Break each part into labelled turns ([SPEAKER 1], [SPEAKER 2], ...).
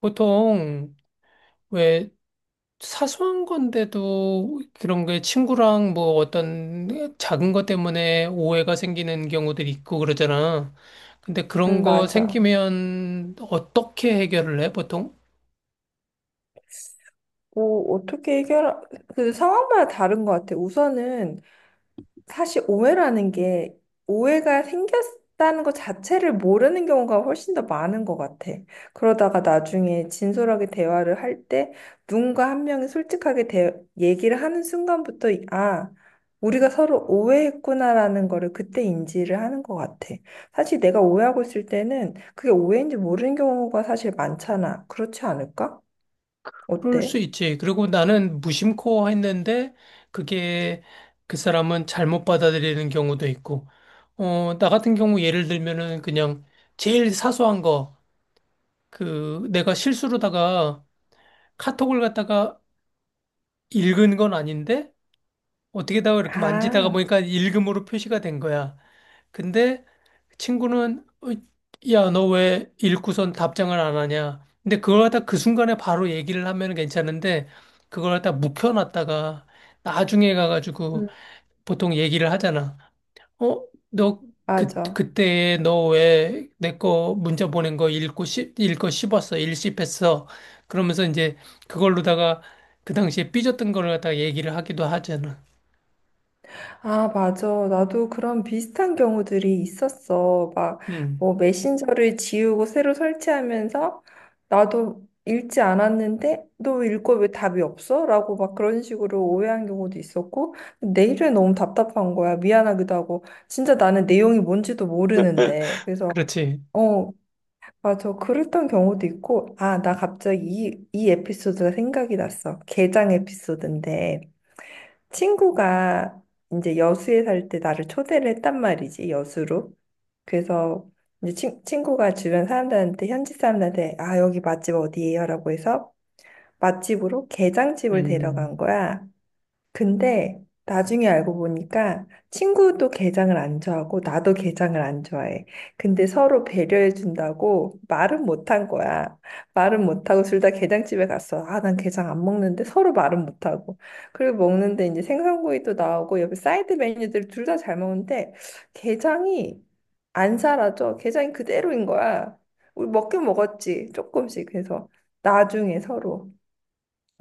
[SPEAKER 1] 보통 왜 사소한 건데도 그런 게 친구랑 뭐 어떤 작은 것 때문에 오해가 생기는 경우들이 있고 그러잖아. 근데 그런 거
[SPEAKER 2] 맞아.
[SPEAKER 1] 생기면 어떻게 해결을 해, 보통?
[SPEAKER 2] 뭐, 어떻게 해결, 그 상황마다 다른 것 같아. 우선은 사실 오해라는 게 오해가 생겼다는 것 자체를 모르는 경우가 훨씬 더 많은 것 같아. 그러다가 나중에 진솔하게 대화를 할 때 누군가 한 명이 솔직하게 얘기를 하는 순간부터, 우리가 서로 오해했구나라는 거를 그때 인지를 하는 것 같아. 사실 내가 오해하고 있을 때는 그게 오해인지 모르는 경우가 사실 많잖아. 그렇지 않을까?
[SPEAKER 1] 그럴
[SPEAKER 2] 어때?
[SPEAKER 1] 수 있지. 그리고 나는 무심코 했는데 그게 그 사람은 잘못 받아들이는 경우도 있고. 어, 나 같은 경우 예를 들면은 그냥 제일 사소한 거, 그 내가 실수로다가 카톡을 갖다가 읽은 건 아닌데 어떻게다가 이렇게 만지다가
[SPEAKER 2] 아,
[SPEAKER 1] 보니까 읽음으로 표시가 된 거야. 근데 친구는 "어, 야, 너 왜 읽고선 답장을 안 하냐?" 근데 그걸 갖다 그 순간에 바로 얘기를 하면 괜찮은데 그걸 갖다 묵혀놨다가 나중에 가가지고
[SPEAKER 2] 음,
[SPEAKER 1] 보통 얘기를 하잖아. 어, 너, 그,
[SPEAKER 2] 맞아.
[SPEAKER 1] 그때 너 왜 내 거 문자 보낸 거 읽고 씹었어, 일씹했어. 그러면서 이제 그걸로다가 그 당시에 삐졌던 걸 갖다가 얘기를 하기도 하잖아.
[SPEAKER 2] 아, 맞아. 나도 그런 비슷한 경우들이 있었어. 막,
[SPEAKER 1] 음,
[SPEAKER 2] 뭐, 메신저를 지우고 새로 설치하면서 나도 읽지 않았는데, 너 읽고 왜 답이 없어? 라고 막 그런 식으로 오해한 경우도 있었고, 내일은 너무 답답한 거야. 미안하기도 하고, 진짜 나는 내용이 뭔지도 모르는데. 그래서,
[SPEAKER 1] 그렇지.
[SPEAKER 2] 어, 맞아. 그랬던 경우도 있고, 아, 나 갑자기 이 에피소드가 생각이 났어. 게장 에피소드인데. 친구가 이제 여수에 살 때 나를 초대를 했단 말이지, 여수로. 그래서 이제 친구가 주변 사람들한테, 현지 사람들한테, 아, 여기 맛집 어디예요? 라고 해서 맛집으로 게장집을 데려간
[SPEAKER 1] 음,
[SPEAKER 2] 거야. 근데 나중에 알고 보니까 친구도 게장을 안 좋아하고 나도 게장을 안 좋아해. 근데 서로 배려해 준다고 말은 못 한 거야. 말은 못하고 둘 다 게장집에 갔어. 아, 난 게장 안 먹는데 서로 말은 못하고. 그리고 먹는데 이제 생선구이도 나오고 옆에 사이드 메뉴들 둘 다 잘 먹는데 게장이 안 사라져. 게장이 그대로인 거야. 우리 먹긴 먹었지. 조금씩. 그래서 나중에 서로.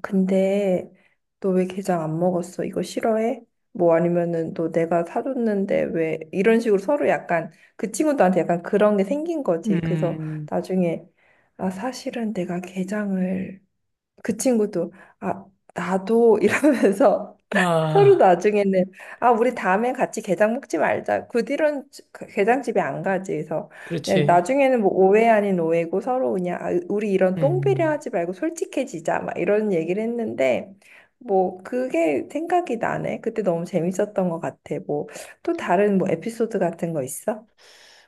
[SPEAKER 2] 근데 너 왜 게장 안 먹었어? 이거 싫어해? 뭐 아니면은 너 내가 사줬는데 왜 이런 식으로 서로 약간 그 친구들한테 약간 그런 게 생긴 거지. 그래서
[SPEAKER 1] 음,
[SPEAKER 2] 나중에 아 사실은 내가 게장을 그 친구도 아 나도 이러면서 서로
[SPEAKER 1] 아,
[SPEAKER 2] 나중에는 아 우리 다음엔 같이 게장 먹지 말자. 그 뒤로는 그 게장집에 안 가지. 그래서 그냥
[SPEAKER 1] 그렇지.
[SPEAKER 2] 나중에는 뭐 오해 아닌 오해고 서로 그냥 아, 우리 이런 똥배려
[SPEAKER 1] 음,
[SPEAKER 2] 하지 말고 솔직해지자 막 이런 얘기를 했는데 뭐 그게 생각이 나네. 그때 너무 재밌었던 것 같아. 뭐 또 다른 뭐 에피소드 같은 거 있어?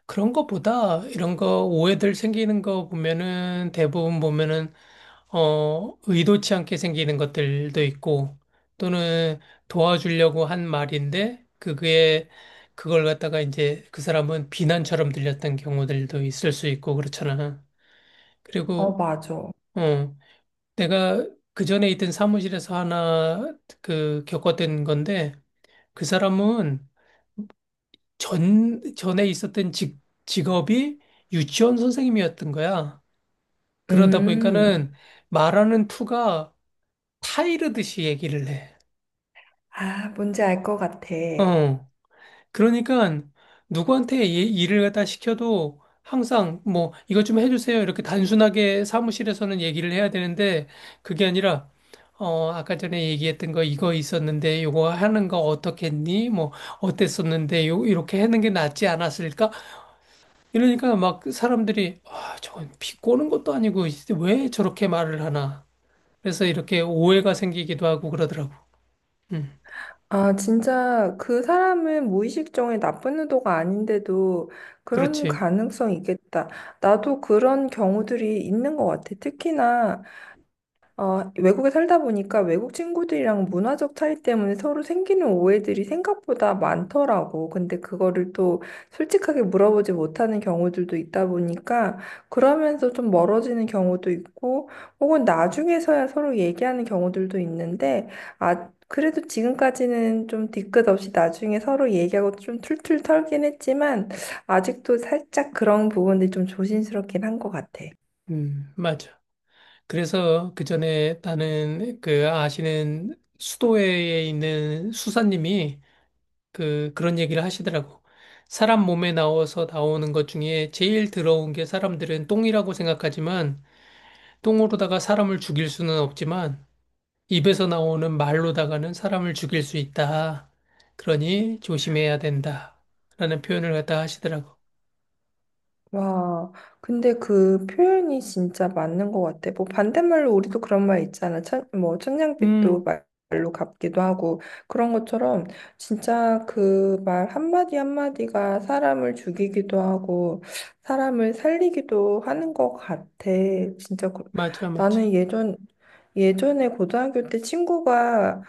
[SPEAKER 1] 그런 거보다 이런 거 오해들 생기는 거 보면은 대부분 보면은 의도치 않게 생기는 것들도 있고, 또는 도와주려고 한 말인데, 그게, 그걸 갖다가 이제 그 사람은 비난처럼 들렸던 경우들도 있을 수 있고, 그렇잖아.
[SPEAKER 2] 어
[SPEAKER 1] 그리고,
[SPEAKER 2] 맞아.
[SPEAKER 1] 어, 내가 그 전에 있던 사무실에서 하나, 그, 겪었던 건데, 그 사람은 전에 있었던 직업이 유치원 선생님이었던 거야. 그러다
[SPEAKER 2] 음.
[SPEAKER 1] 보니까는 말하는 투가 타이르듯이 얘기를 해.
[SPEAKER 2] 아 뭔지 알 것 같아.
[SPEAKER 1] 어. 그러니까 누구한테 일을 갖다 시켜도 항상 뭐 이것 좀 해주세요. 이렇게 단순하게 사무실에서는 얘기를 해야 되는데 그게 아니라 아까 전에 얘기했던 거 이거 있었는데 요거 하는 거 어떻겠니? 뭐 어땠었는데 요 이렇게 하는 게 낫지 않았을까? 이러니까 막 사람들이 아, 저건 비꼬는 것도 아니고 왜 저렇게 말을 하나? 그래서 이렇게 오해가 생기기도 하고 그러더라고. 음,
[SPEAKER 2] 아, 진짜 그 사람은 무의식적인 나쁜 의도가 아닌데도 그런
[SPEAKER 1] 그렇지.
[SPEAKER 2] 가능성이 있겠다. 나도 그런 경우들이 있는 것 같아. 특히나 어 외국에 살다 보니까 외국 친구들이랑 문화적 차이 때문에 서로 생기는 오해들이 생각보다 많더라고. 근데 그거를 또 솔직하게 물어보지 못하는 경우들도 있다 보니까 그러면서 좀 멀어지는 경우도 있고 혹은 나중에서야 서로 얘기하는 경우들도 있는데 아, 그래도 지금까지는 좀 뒤끝 없이 나중에 서로 얘기하고 좀 툴툴 털긴 했지만 아직도 살짝 그런 부분들이 좀 조심스럽긴 한 것 같아.
[SPEAKER 1] 맞아. 그래서 그 전에 나는 그 아시는 수도회에 있는 수사님이 그런 얘기를 하시더라고. 사람 몸에 나와서 나오는 것 중에 제일 더러운 게 사람들은 똥이라고 생각하지만 똥으로다가 사람을 죽일 수는 없지만 입에서 나오는 말로다가는 사람을 죽일 수 있다. 그러니 조심해야 된다. 라는 표현을 갖다 하시더라고.
[SPEAKER 2] 와, 근데 그 표현이 진짜 맞는 것 같아. 뭐 반대말로 우리도 그런 말 있잖아. 천, 뭐
[SPEAKER 1] 음,
[SPEAKER 2] 말로 갚기도 하고 그런 것처럼 진짜 그 말 한마디 한마디가 사람을 죽이기도 하고 사람을 살리기도 하는 것 같아. 진짜 그-
[SPEAKER 1] 맞아, 맞아.
[SPEAKER 2] 나는 예전에 고등학교 때 친구가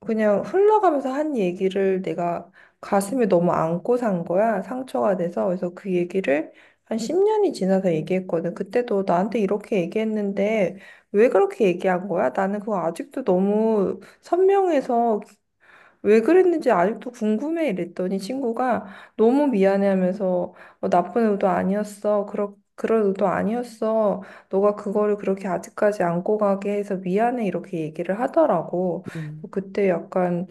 [SPEAKER 2] 그냥 흘러가면서 한 얘기를 내가 가슴에 너무 안고 산 거야. 상처가 돼서. 그래서 그 얘기를 한 10년이 지나서 얘기했거든. 그때도 나한테 이렇게 얘기했는데 왜 그렇게 얘기한 거야? 나는 그거 아직도 너무 선명해서 왜 그랬는지 아직도 궁금해 이랬더니 친구가 너무 미안해 하면서 어, 나쁜 의도 아니었어. 그런 의도 아니었어. 너가 그거를 그렇게 아직까지 안고 가게 해서 미안해 이렇게 얘기를 하더라고.
[SPEAKER 1] 음,
[SPEAKER 2] 그때 약간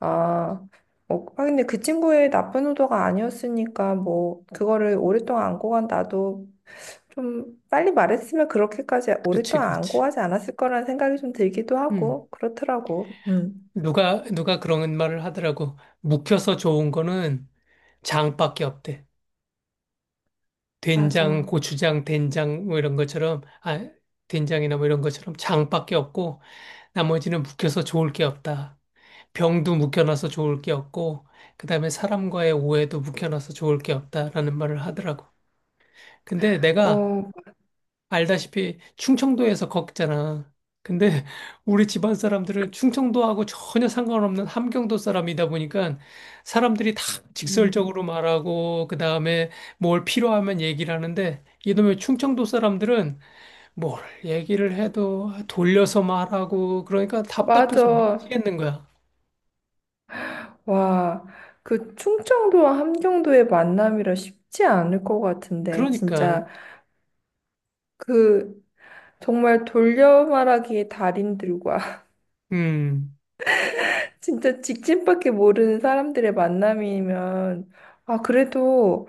[SPEAKER 2] 아, 근데 그 친구의 나쁜 의도가 아니었으니까, 뭐, 그거를 오랫동안 안고 간 나도 좀 빨리 말했으면 그렇게까지
[SPEAKER 1] 그렇지,
[SPEAKER 2] 오랫동안 안고
[SPEAKER 1] 그렇지.
[SPEAKER 2] 가지 않았을 거라는 생각이 좀 들기도
[SPEAKER 1] 음.
[SPEAKER 2] 하고, 그렇더라고. 음.
[SPEAKER 1] 누가 그런 말을 하더라고. 묵혀서 좋은 거는 장밖에 없대. 된장,
[SPEAKER 2] 맞아.
[SPEAKER 1] 고추장, 된장, 뭐 이런 것처럼, 아, 된장이나 뭐 이런 것처럼 장밖에 없고, 나머지는 묵혀서 좋을 게 없다. 병도 묵혀놔서 좋을 게 없고, 그 다음에 사람과의 오해도 묵혀놔서 좋을 게 없다라는 말을 하더라고. 근데 내가
[SPEAKER 2] 어,
[SPEAKER 1] 알다시피 충청도에서 걷잖아. 근데 우리 집안 사람들은 충청도하고 전혀 상관없는 함경도 사람이다 보니까 사람들이 다
[SPEAKER 2] 음.
[SPEAKER 1] 직설적으로 말하고 그다음에 뭘 필요하면 얘기를 하는데 이놈의 충청도 사람들은 뭘 얘기를 해도 돌려서 말하고 그러니까 답답해서
[SPEAKER 2] 맞아.
[SPEAKER 1] 미치겠는 거야.
[SPEAKER 2] 와, 그 충청도와 함경도의 만남이라 쉽지 않을 것 같은데,
[SPEAKER 1] 그러니까.
[SPEAKER 2] 진짜 그 정말 돌려 말하기의 달인들과
[SPEAKER 1] 음,
[SPEAKER 2] 진짜 직진밖에 모르는 사람들의 만남이면, 아, 그래도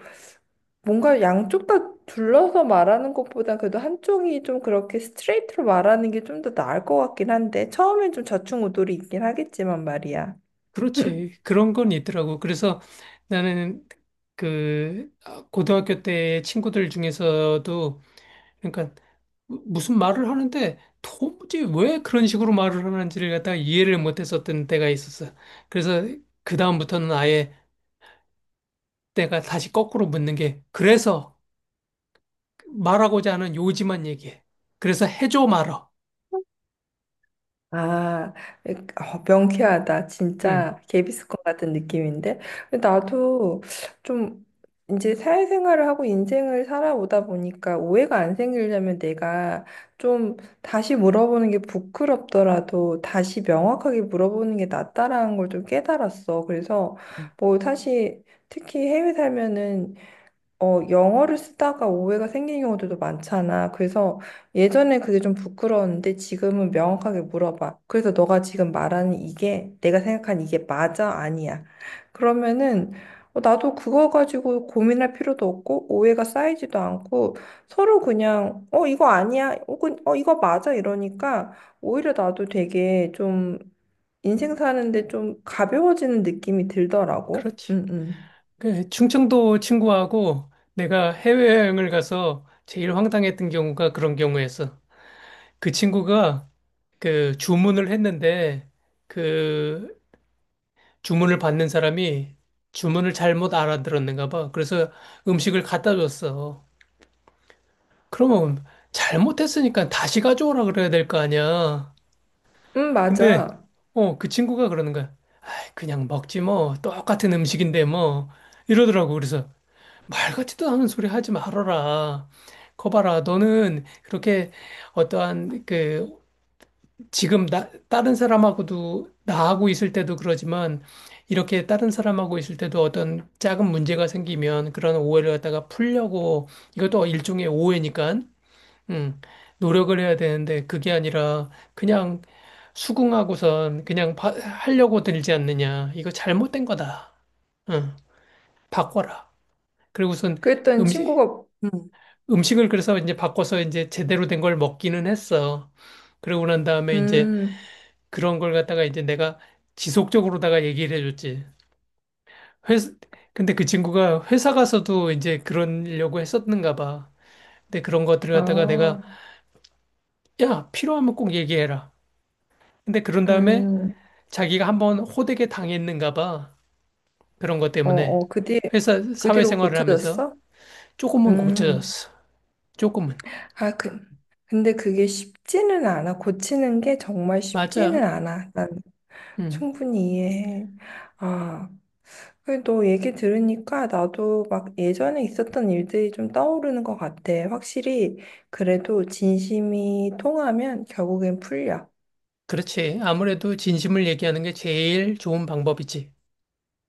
[SPEAKER 2] 뭔가 양쪽 다 둘러서 말하는 것보다 그래도 한쪽이 좀 그렇게 스트레이트로 말하는 게 좀 더 나을 것 같긴 한데, 처음엔 좀 좌충우돌이 있긴 하겠지만 말이야.
[SPEAKER 1] 그렇지. 그런 건 있더라고. 그래서 나는 그 고등학교 때 친구들 중에서도 그러니까 무- 슨 말을 하는데 도무지 왜 그런 식으로 말을 하는지를 갖다가 이해를 못 했었던 때가 있었어. 그래서 그다음부터는 아예 내가 다시 거꾸로 묻는 게, 그래서 말하고자 하는 요지만 얘기해. 그래서 해줘 말어?
[SPEAKER 2] 아, 어, 명쾌하다.
[SPEAKER 1] 응.
[SPEAKER 2] 진짜 개비스콘 같은 느낌인데. 근데 나도 좀 이제 사회생활을 하고 인생을 살아오다 보니까 오해가 안 생기려면 내가 좀 다시 물어보는 게 부끄럽더라도 다시 명확하게 물어보는 게 낫다라는 걸 좀 깨달았어. 그래서
[SPEAKER 1] 응,
[SPEAKER 2] 뭐 사실 특히 해외 살면은 어, 영어를 쓰다가 오해가 생기는 경우들도 많잖아. 그래서 예전에 그게 좀 부끄러웠는데 지금은 명확하게 물어봐. 그래서 너가 지금 말하는 이게 내가 생각한 이게 맞아? 아니야? 그러면은 어, 나도 그거 가지고 고민할 필요도 없고 오해가 쌓이지도 않고 서로 그냥 어, 이거 아니야? 혹은 어, 이거 맞아? 이러니까 오히려 나도 되게 좀 인생 사는데 좀 가벼워지는 느낌이 들더라고.
[SPEAKER 1] 그렇지.
[SPEAKER 2] 응, 응.
[SPEAKER 1] 그 충청도 친구하고 내가 해외여행을 가서 제일 황당했던 경우가 그런 경우였어. 그 친구가 그 주문을 했는데 그 주문을 받는 사람이 주문을 잘못 알아들었는가 봐. 그래서 음식을 갖다 줬어. 그러면 잘못했으니까 다시 가져오라 그래야 될 거 아니야.
[SPEAKER 2] 응,
[SPEAKER 1] 근데,
[SPEAKER 2] 맞아.
[SPEAKER 1] 그 친구가 그러는 거야. 아이, 그냥 먹지 뭐. 똑같은 음식인데 뭐. 이러더라고. 그래서 말 같지도 않은 소리 하지 말아라. 거봐라. 너는 그렇게 어떠한 그 지금 나, 다른 사람하고도 나하고 있을 때도 그러지만 이렇게 다른 사람하고 있을 때도 어떤 작은 문제가 생기면 그런 오해를 갖다가 풀려고, 이것도 일종의 오해니까 음, 노력을 해야 되는데 그게 아니라 그냥 수긍하고선 그냥 하려고 들지 않느냐. 이거 잘못된 거다. 응, 바꿔라. 그리고선
[SPEAKER 2] 그랬더니
[SPEAKER 1] 음식,
[SPEAKER 2] 친구가 응.
[SPEAKER 1] 음식을 그래서 이제 바꿔서 이제 제대로 된 걸 먹기는 했어. 그러고 난 다음에 이제
[SPEAKER 2] 음, 음,
[SPEAKER 1] 그런 걸 갖다가 이제 내가 지속적으로다가 얘기를 해줬지. 회사, 근데 그 친구가 회사 가서도 이제 그러려고 했었는가 봐. 근데 그런 것들을 갖다가 내가,
[SPEAKER 2] 아,
[SPEAKER 1] 야, 필요하면 꼭 얘기해라. 근데 그런 다음에
[SPEAKER 2] 음,
[SPEAKER 1] 자기가 한번 호되게 당했는가 봐. 그런 것
[SPEAKER 2] 어,
[SPEAKER 1] 때문에.
[SPEAKER 2] 어, 그 뒤에, 그 뒤로
[SPEAKER 1] 사회생활을 하면서
[SPEAKER 2] 고쳐졌어?
[SPEAKER 1] 조금은
[SPEAKER 2] 음,
[SPEAKER 1] 고쳐졌어. 조금은.
[SPEAKER 2] 아, 그, 근데 그게 쉽지는 않아. 고치는 게 정말 쉽지는
[SPEAKER 1] 맞아.
[SPEAKER 2] 않아. 난
[SPEAKER 1] 음,
[SPEAKER 2] 충분히 이해해. 아, 그래, 너 얘기 들으니까 나도 막 예전에 있었던 일들이 좀 떠오르는 것 같아. 확실히, 그래도 진심이 통하면 결국엔 풀려.
[SPEAKER 1] 그렇지. 아무래도 진심을 얘기하는 게 제일 좋은 방법이지.